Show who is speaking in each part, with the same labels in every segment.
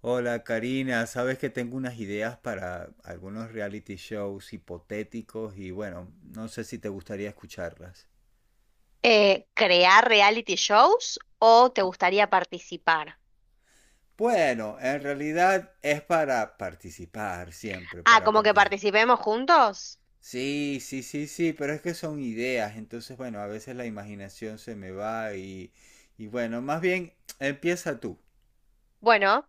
Speaker 1: Hola Karina, sabes que tengo unas ideas para algunos reality shows hipotéticos y bueno, no sé si te gustaría escucharlas.
Speaker 2: ¿Crear reality shows o te
Speaker 1: Ah.
Speaker 2: gustaría participar?
Speaker 1: Bueno, en realidad es para participar siempre,
Speaker 2: Ah,
Speaker 1: para
Speaker 2: como que
Speaker 1: participar.
Speaker 2: participemos juntos.
Speaker 1: Sí, sí, sí, sí, pero es que son ideas, entonces bueno, a veces la imaginación se me va y bueno, más bien empieza tú.
Speaker 2: Bueno,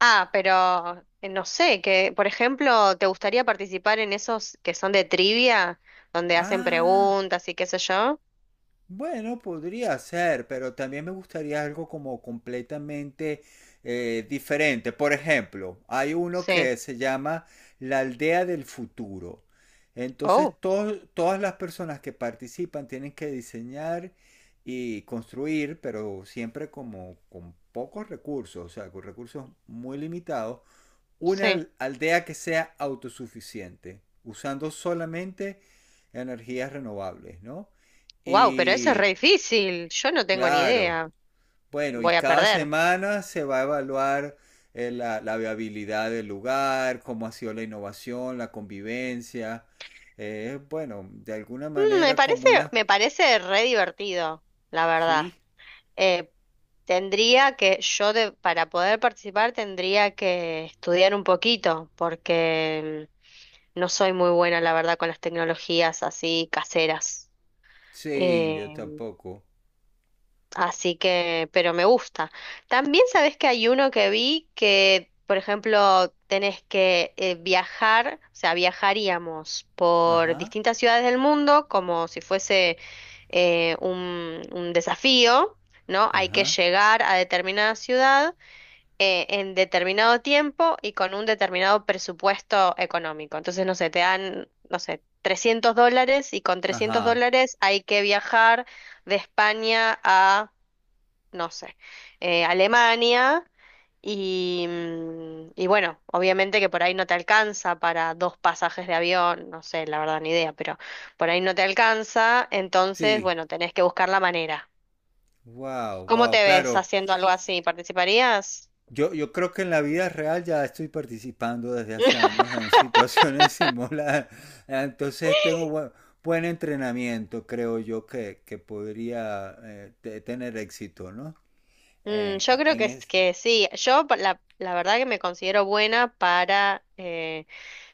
Speaker 2: pero no sé, que por ejemplo, ¿te gustaría participar en esos que son de trivia, donde hacen
Speaker 1: Ah.
Speaker 2: preguntas y qué sé yo?
Speaker 1: Bueno, podría ser, pero también me gustaría algo como completamente diferente. Por ejemplo, hay uno
Speaker 2: Sí.
Speaker 1: que se llama La Aldea del Futuro. Entonces,
Speaker 2: Oh,
Speaker 1: todas las personas que participan tienen que diseñar y construir, pero siempre como con pocos recursos, o sea, con recursos muy limitados,
Speaker 2: sí.
Speaker 1: una aldea que sea autosuficiente, usando solamente energías renovables, ¿no?
Speaker 2: Wow, pero eso es re
Speaker 1: Y
Speaker 2: difícil. Yo no tengo ni
Speaker 1: claro,
Speaker 2: idea.
Speaker 1: bueno, y
Speaker 2: Voy a
Speaker 1: cada
Speaker 2: perder.
Speaker 1: semana se va a evaluar la viabilidad del lugar, cómo ha sido la innovación, la convivencia. Bueno, de alguna
Speaker 2: Mm, me
Speaker 1: manera
Speaker 2: parece,
Speaker 1: como una...
Speaker 2: me parece re divertido, la verdad.
Speaker 1: Sí,
Speaker 2: Eh, tendría que, para poder participar tendría que estudiar un poquito, porque no soy muy buena, la verdad, con las tecnologías así caseras.
Speaker 1: sí,
Speaker 2: Eh,
Speaker 1: yo tampoco.
Speaker 2: Así que, pero me gusta. También sabes que hay uno que vi que, por ejemplo, tenés que viajar, o sea, viajaríamos por
Speaker 1: Ajá,
Speaker 2: distintas ciudades del mundo como si fuese un desafío, ¿no? Hay que
Speaker 1: ajá,
Speaker 2: llegar a determinada ciudad en determinado tiempo y con un determinado presupuesto económico. Entonces, no sé, te dan, no sé, $300 y con trescientos
Speaker 1: ajá.
Speaker 2: dólares hay que viajar de España a no sé, Alemania y bueno, obviamente que por ahí no te alcanza para dos pasajes de avión, no sé, la verdad ni idea, pero por ahí no te alcanza, entonces
Speaker 1: Sí,
Speaker 2: bueno, tenés que buscar la manera.
Speaker 1: wow,
Speaker 2: ¿Cómo
Speaker 1: wow,
Speaker 2: te ves
Speaker 1: claro.
Speaker 2: haciendo algo así? ¿Participarías?
Speaker 1: Yo creo que en la vida real ya estoy participando desde hace años en situaciones similares. Entonces tengo buen entrenamiento, creo yo, que podría tener éxito, ¿no?
Speaker 2: Yo
Speaker 1: En,
Speaker 2: creo
Speaker 1: en
Speaker 2: que,
Speaker 1: es...
Speaker 2: que sí. La verdad que me considero buena para,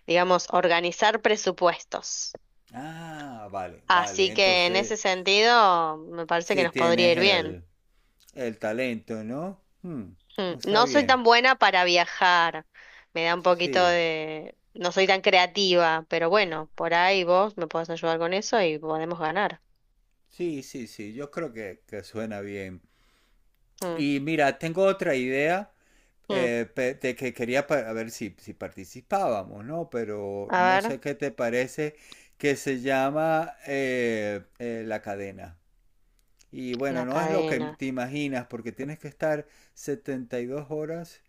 Speaker 2: digamos, organizar presupuestos.
Speaker 1: Ah, vale, vale.
Speaker 2: Así que en
Speaker 1: Entonces,
Speaker 2: ese sentido me parece que
Speaker 1: sí
Speaker 2: nos podría
Speaker 1: tienes
Speaker 2: ir bien.
Speaker 1: el talento, ¿no? Hmm, está
Speaker 2: No soy
Speaker 1: bien.
Speaker 2: tan buena para viajar, me da un
Speaker 1: Sí,
Speaker 2: poquito
Speaker 1: sí,
Speaker 2: de. No soy tan creativa, pero bueno, por ahí vos me podés ayudar con eso y podemos ganar.
Speaker 1: sí, sí, sí. Yo creo que suena bien.
Speaker 2: Mm,
Speaker 1: Y mira, tengo otra idea
Speaker 2: mm.
Speaker 1: de que quería a ver si participábamos, ¿no? Pero
Speaker 2: A
Speaker 1: no
Speaker 2: ver,
Speaker 1: sé qué te parece que se llama La Cadena. Y bueno,
Speaker 2: la
Speaker 1: no es lo que
Speaker 2: cadena.
Speaker 1: te imaginas porque tienes que estar 72 horas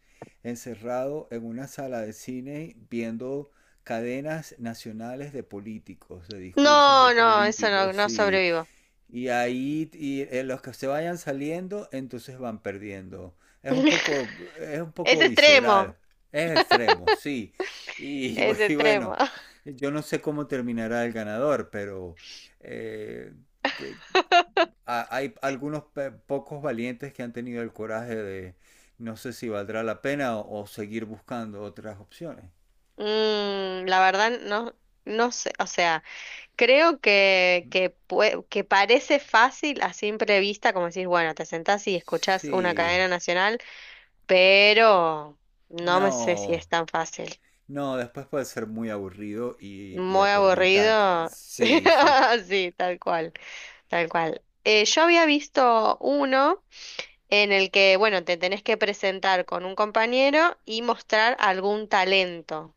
Speaker 1: encerrado en una sala de cine viendo cadenas nacionales de políticos, de discursos de
Speaker 2: No, no, eso no,
Speaker 1: políticos,
Speaker 2: no
Speaker 1: sí.
Speaker 2: sobrevivo.
Speaker 1: Y ahí los que se vayan saliendo, entonces van perdiendo. Es un
Speaker 2: Es
Speaker 1: poco visceral.
Speaker 2: extremo,
Speaker 1: Es extremo, sí. Bu-
Speaker 2: es
Speaker 1: y bueno,
Speaker 2: extremo.
Speaker 1: yo no sé cómo terminará el ganador, pero eh, que- hay algunos pocos valientes que han tenido el coraje de no sé si valdrá la pena o seguir buscando otras opciones.
Speaker 2: La verdad, no, no sé, o sea, creo que,
Speaker 1: ¿Mm?
Speaker 2: que, pue- que parece fácil a simple vista, como decís, bueno, te sentás y escuchás una
Speaker 1: Sí,
Speaker 2: cadena nacional. Pero no me sé si
Speaker 1: no.
Speaker 2: es tan fácil.
Speaker 1: No, después puede ser muy aburrido y
Speaker 2: Muy
Speaker 1: atormentante.
Speaker 2: aburrido.
Speaker 1: Sí, sí.
Speaker 2: Sí, tal cual, tal cual. Yo había visto uno en el que, bueno, te tenés que presentar con un compañero y mostrar algún talento.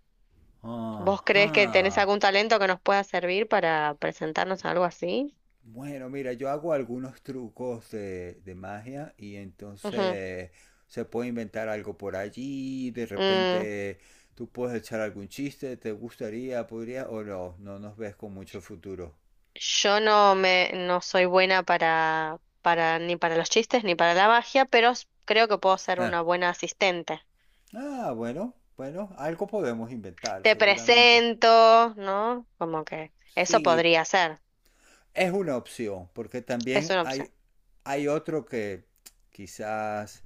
Speaker 2: ¿Vos crees que tenés
Speaker 1: Ajá.
Speaker 2: algún talento que nos pueda servir para presentarnos a algo así?
Speaker 1: Bueno, mira, yo hago algunos trucos de magia y
Speaker 2: Ujú.
Speaker 1: entonces se puede inventar algo por allí. De
Speaker 2: Mm,
Speaker 1: repente tú puedes echar algún chiste, ¿te gustaría, podría o no? No nos ves con mucho futuro.
Speaker 2: yo no me no soy buena para ni para los chistes ni para la magia, pero creo que puedo ser una buena asistente.
Speaker 1: Ah, bueno, bueno, algo podemos inventar,
Speaker 2: Te
Speaker 1: seguramente.
Speaker 2: presento, ¿no? Como que eso
Speaker 1: Sí,
Speaker 2: podría ser,
Speaker 1: es una opción, porque
Speaker 2: es
Speaker 1: también
Speaker 2: una opción.
Speaker 1: hay otro que quizás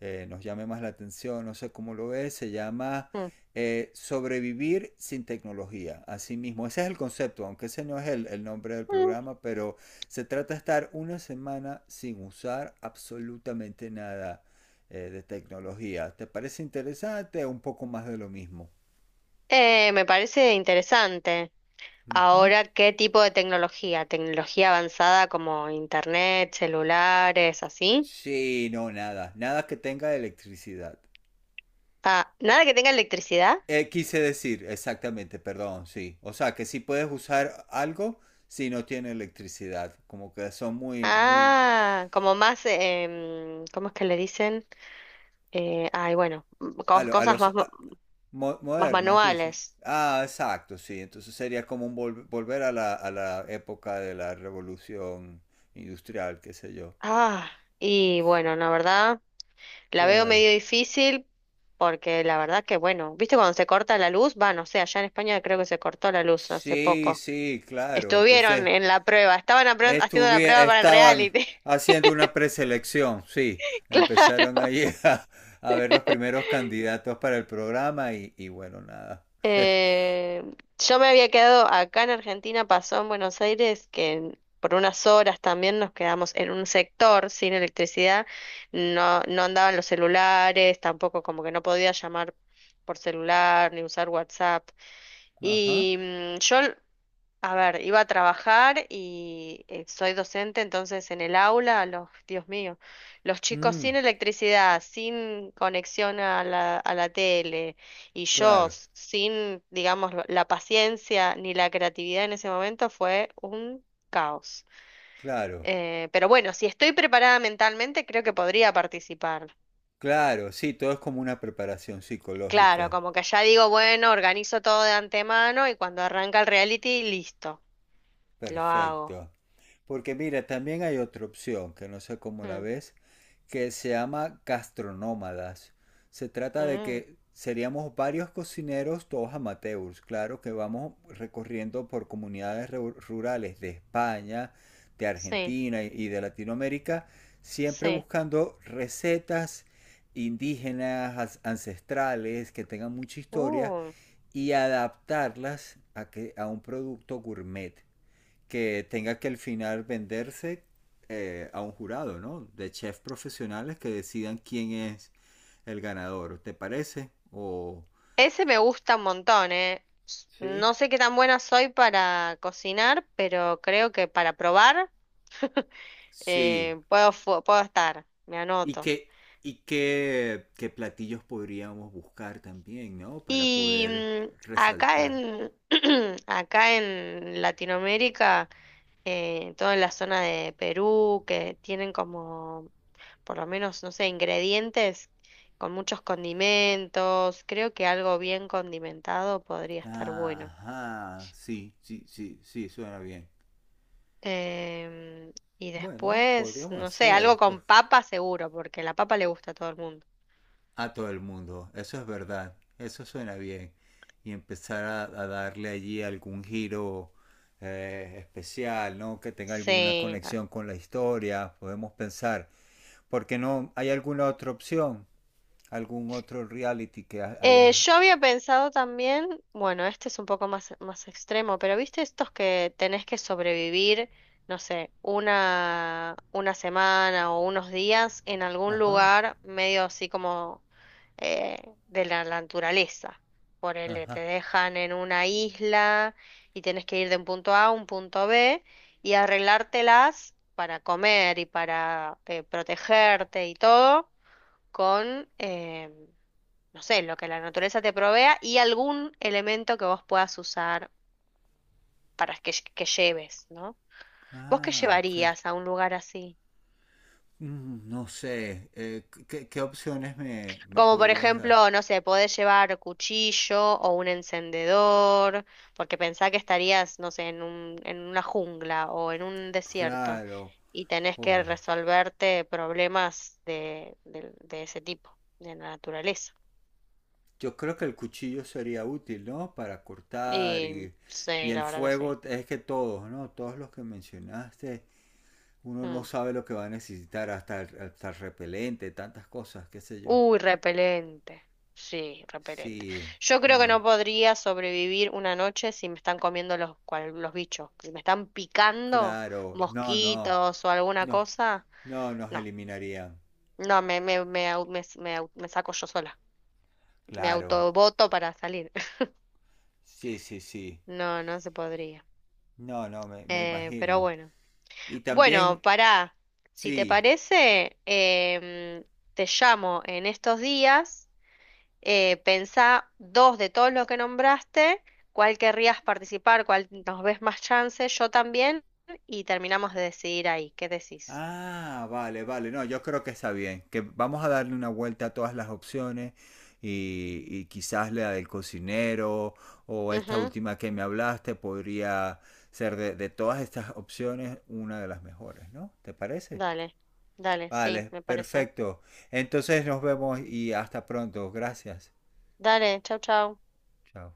Speaker 1: nos llame más la atención, no sé cómo lo ves, se llama
Speaker 2: Mm.
Speaker 1: Sobrevivir sin tecnología, así mismo. Ese es el concepto, aunque ese no es el nombre del
Speaker 2: Mm.
Speaker 1: programa, pero se trata de estar una semana sin usar absolutamente nada de tecnología. ¿Te parece interesante? Un poco más de lo mismo.
Speaker 2: Me parece interesante.
Speaker 1: Ujú.
Speaker 2: Ahora, ¿qué tipo de tecnología? ¿Tecnología avanzada como internet, celulares, así?
Speaker 1: Sí, no, nada, nada que tenga electricidad.
Speaker 2: Ah, ¿nada que tenga electricidad?
Speaker 1: Quise decir, exactamente, perdón, sí. O sea, que sí puedes usar algo si no tiene electricidad. Como que son muy, muy...
Speaker 2: Ah, como más, ¿cómo es que le dicen? Ay, bueno,
Speaker 1: A, lo- a
Speaker 2: cosas
Speaker 1: los...
Speaker 2: más,
Speaker 1: a- mo-
Speaker 2: más
Speaker 1: modernas, dice.
Speaker 2: manuales.
Speaker 1: Ah, exacto, sí. Entonces sería como un volver a la época de la revolución industrial, qué sé yo.
Speaker 2: Ah, y bueno, la verdad. La veo
Speaker 1: Claro.
Speaker 2: medio difícil porque la verdad que, bueno, ¿viste cuando se corta la luz? Va, no sé, allá en España creo que se cortó la luz hace
Speaker 1: Sí,
Speaker 2: poco.
Speaker 1: sí, claro.
Speaker 2: Estuvieron
Speaker 1: Entonces...
Speaker 2: en la prueba, estaban haciendo la prueba para el
Speaker 1: Estaban
Speaker 2: reality.
Speaker 1: haciendo una preselección, sí. Empezaron ahí a ver los primeros candidatos para el programa y bueno, nada.
Speaker 2: Claro. Yo me había quedado acá en Argentina, pasó en Buenos Aires, por unas horas también nos quedamos en un sector sin electricidad. No, no andaban los celulares, tampoco como que no podía llamar por celular ni usar WhatsApp.
Speaker 1: Ajá.
Speaker 2: Y mm, yo A ver, iba a trabajar y soy docente, entonces en el aula, los, Dios mío, los chicos sin
Speaker 1: Mm,
Speaker 2: electricidad, sin conexión a la tele y yo
Speaker 1: claro,
Speaker 2: sin, digamos, la paciencia ni la creatividad en ese momento fue un caos.
Speaker 1: claro,
Speaker 2: Pero bueno, si estoy preparada mentalmente, creo que podría participar.
Speaker 1: claro. Sí, todo es como una preparación
Speaker 2: Claro,
Speaker 1: psicológica.
Speaker 2: como que ya digo, bueno, organizo todo de antemano y cuando arranca el reality, listo, lo hago.
Speaker 1: Perfecto. Porque mira, también hay otra opción que no sé cómo la
Speaker 2: Mm,
Speaker 1: ves, que se llama gastronómadas. Se trata de
Speaker 2: mm,
Speaker 1: que seríamos varios cocineros, todos amateurs, claro, que vamos recorriendo por comunidades rurales de España, de
Speaker 2: sí.
Speaker 1: Argentina y de Latinoamérica, siempre
Speaker 2: Sí.
Speaker 1: buscando recetas indígenas, ancestrales, que tengan mucha historia
Speaker 2: Uh,
Speaker 1: y adaptarlas a un producto gourmet que tenga que al final venderse a un jurado, ¿no? De chefs profesionales que decidan quién es el ganador, ¿te parece? O
Speaker 2: ese me gusta un montón, ¿eh?
Speaker 1: Sí,
Speaker 2: No sé qué tan buena soy para cocinar, pero creo que para probar
Speaker 1: sí,
Speaker 2: puedo estar. Me
Speaker 1: y
Speaker 2: anoto.
Speaker 1: qué qué platillos podríamos buscar también, ¿no? Para
Speaker 2: Y
Speaker 1: poder
Speaker 2: acá
Speaker 1: resaltar.
Speaker 2: en, acá en Latinoamérica, toda la zona de Perú, que tienen como, por lo menos, no sé, ingredientes con muchos condimentos, creo que algo bien condimentado podría estar bueno.
Speaker 1: Ajá, sí, sí, sí, sí, suena bien.
Speaker 2: Em, y
Speaker 1: Bueno,
Speaker 2: después,
Speaker 1: podríamos
Speaker 2: no sé, algo
Speaker 1: hacer,
Speaker 2: con papa seguro, porque la papa le gusta a todo el mundo.
Speaker 1: a todo el mundo. Eso es verdad, eso suena bien. Y empezar a darle allí algún giro especial, ¿no? Que tenga alguna
Speaker 2: Sí. Ah.
Speaker 1: conexión con la historia, podemos pensar. ¿Porque no hay alguna otra opción? ¿Algún otro reality que
Speaker 2: Eh,
Speaker 1: haya...
Speaker 2: yo había pensado también, bueno, este es un poco más, más extremo, pero viste estos que tenés que sobrevivir, no sé, una semana o unos días en algún
Speaker 1: Ajá,
Speaker 2: lugar medio así como eh, de la naturaleza. Por el te
Speaker 1: ajá.
Speaker 2: dejan en una isla y tienes que ir de un punto A a un punto B y arreglártelas para comer y para protegerte y todo con, no sé, lo que la naturaleza te provea y algún elemento que vos puedas usar para que, que lleves, ¿no? ¿Vos qué
Speaker 1: Ah, ok.
Speaker 2: llevarías a un lugar así?
Speaker 1: No sé, ¿qué opciones me
Speaker 2: Como por
Speaker 1: podrías dar?
Speaker 2: ejemplo, no sé, podés llevar cuchillo o un encendedor, porque pensá que estarías, no sé, en una jungla o en un desierto
Speaker 1: Claro,
Speaker 2: y tenés que
Speaker 1: oye,
Speaker 2: resolverte problemas de ese tipo, de la naturaleza.
Speaker 1: yo creo que el cuchillo sería útil, ¿no? Para cortar
Speaker 2: Y
Speaker 1: y
Speaker 2: sí,
Speaker 1: el
Speaker 2: la verdad que sí.
Speaker 1: fuego, es que todos, ¿no? Todos los que mencionaste, uno no
Speaker 2: Mm.
Speaker 1: sabe lo que va a necesitar, hasta, hasta el repelente, tantas cosas, qué sé yo.
Speaker 2: Uy, repelente. Sí, repelente.
Speaker 1: Sí,
Speaker 2: Yo creo que
Speaker 1: bueno,
Speaker 2: no podría sobrevivir una noche si me están comiendo los bichos. Si me están picando
Speaker 1: claro, no, no,
Speaker 2: mosquitos o alguna
Speaker 1: no,
Speaker 2: cosa,
Speaker 1: no nos
Speaker 2: no.
Speaker 1: eliminarían,
Speaker 2: No, me, au- me, s- me au- me saco yo sola. Me
Speaker 1: claro,
Speaker 2: autoboto para salir.
Speaker 1: sí, sí, sí,
Speaker 2: No, no se podría.
Speaker 1: no, no, me
Speaker 2: Pero
Speaker 1: imagino.
Speaker 2: bueno.
Speaker 1: Y
Speaker 2: Bueno,
Speaker 1: también,
Speaker 2: pará. Si te
Speaker 1: sí,
Speaker 2: parece, te llamo en estos días. Pensá dos de todos los que nombraste, cuál querrías participar, cuál nos ves más chance, yo también, y terminamos de decidir ahí. ¿Qué decís?
Speaker 1: ah, vale, vale. No, yo creo que está bien. Que vamos a darle una vuelta a todas las opciones y quizás la del cocinero o esta
Speaker 2: Ujú,
Speaker 1: última que me hablaste podría ser de todas estas opciones una de las mejores, ¿no? ¿Te parece?
Speaker 2: dale, dale, sí,
Speaker 1: Vale,
Speaker 2: me parece.
Speaker 1: perfecto. Entonces nos vemos y hasta pronto. Gracias.
Speaker 2: Dale, chau, chau.
Speaker 1: Chao.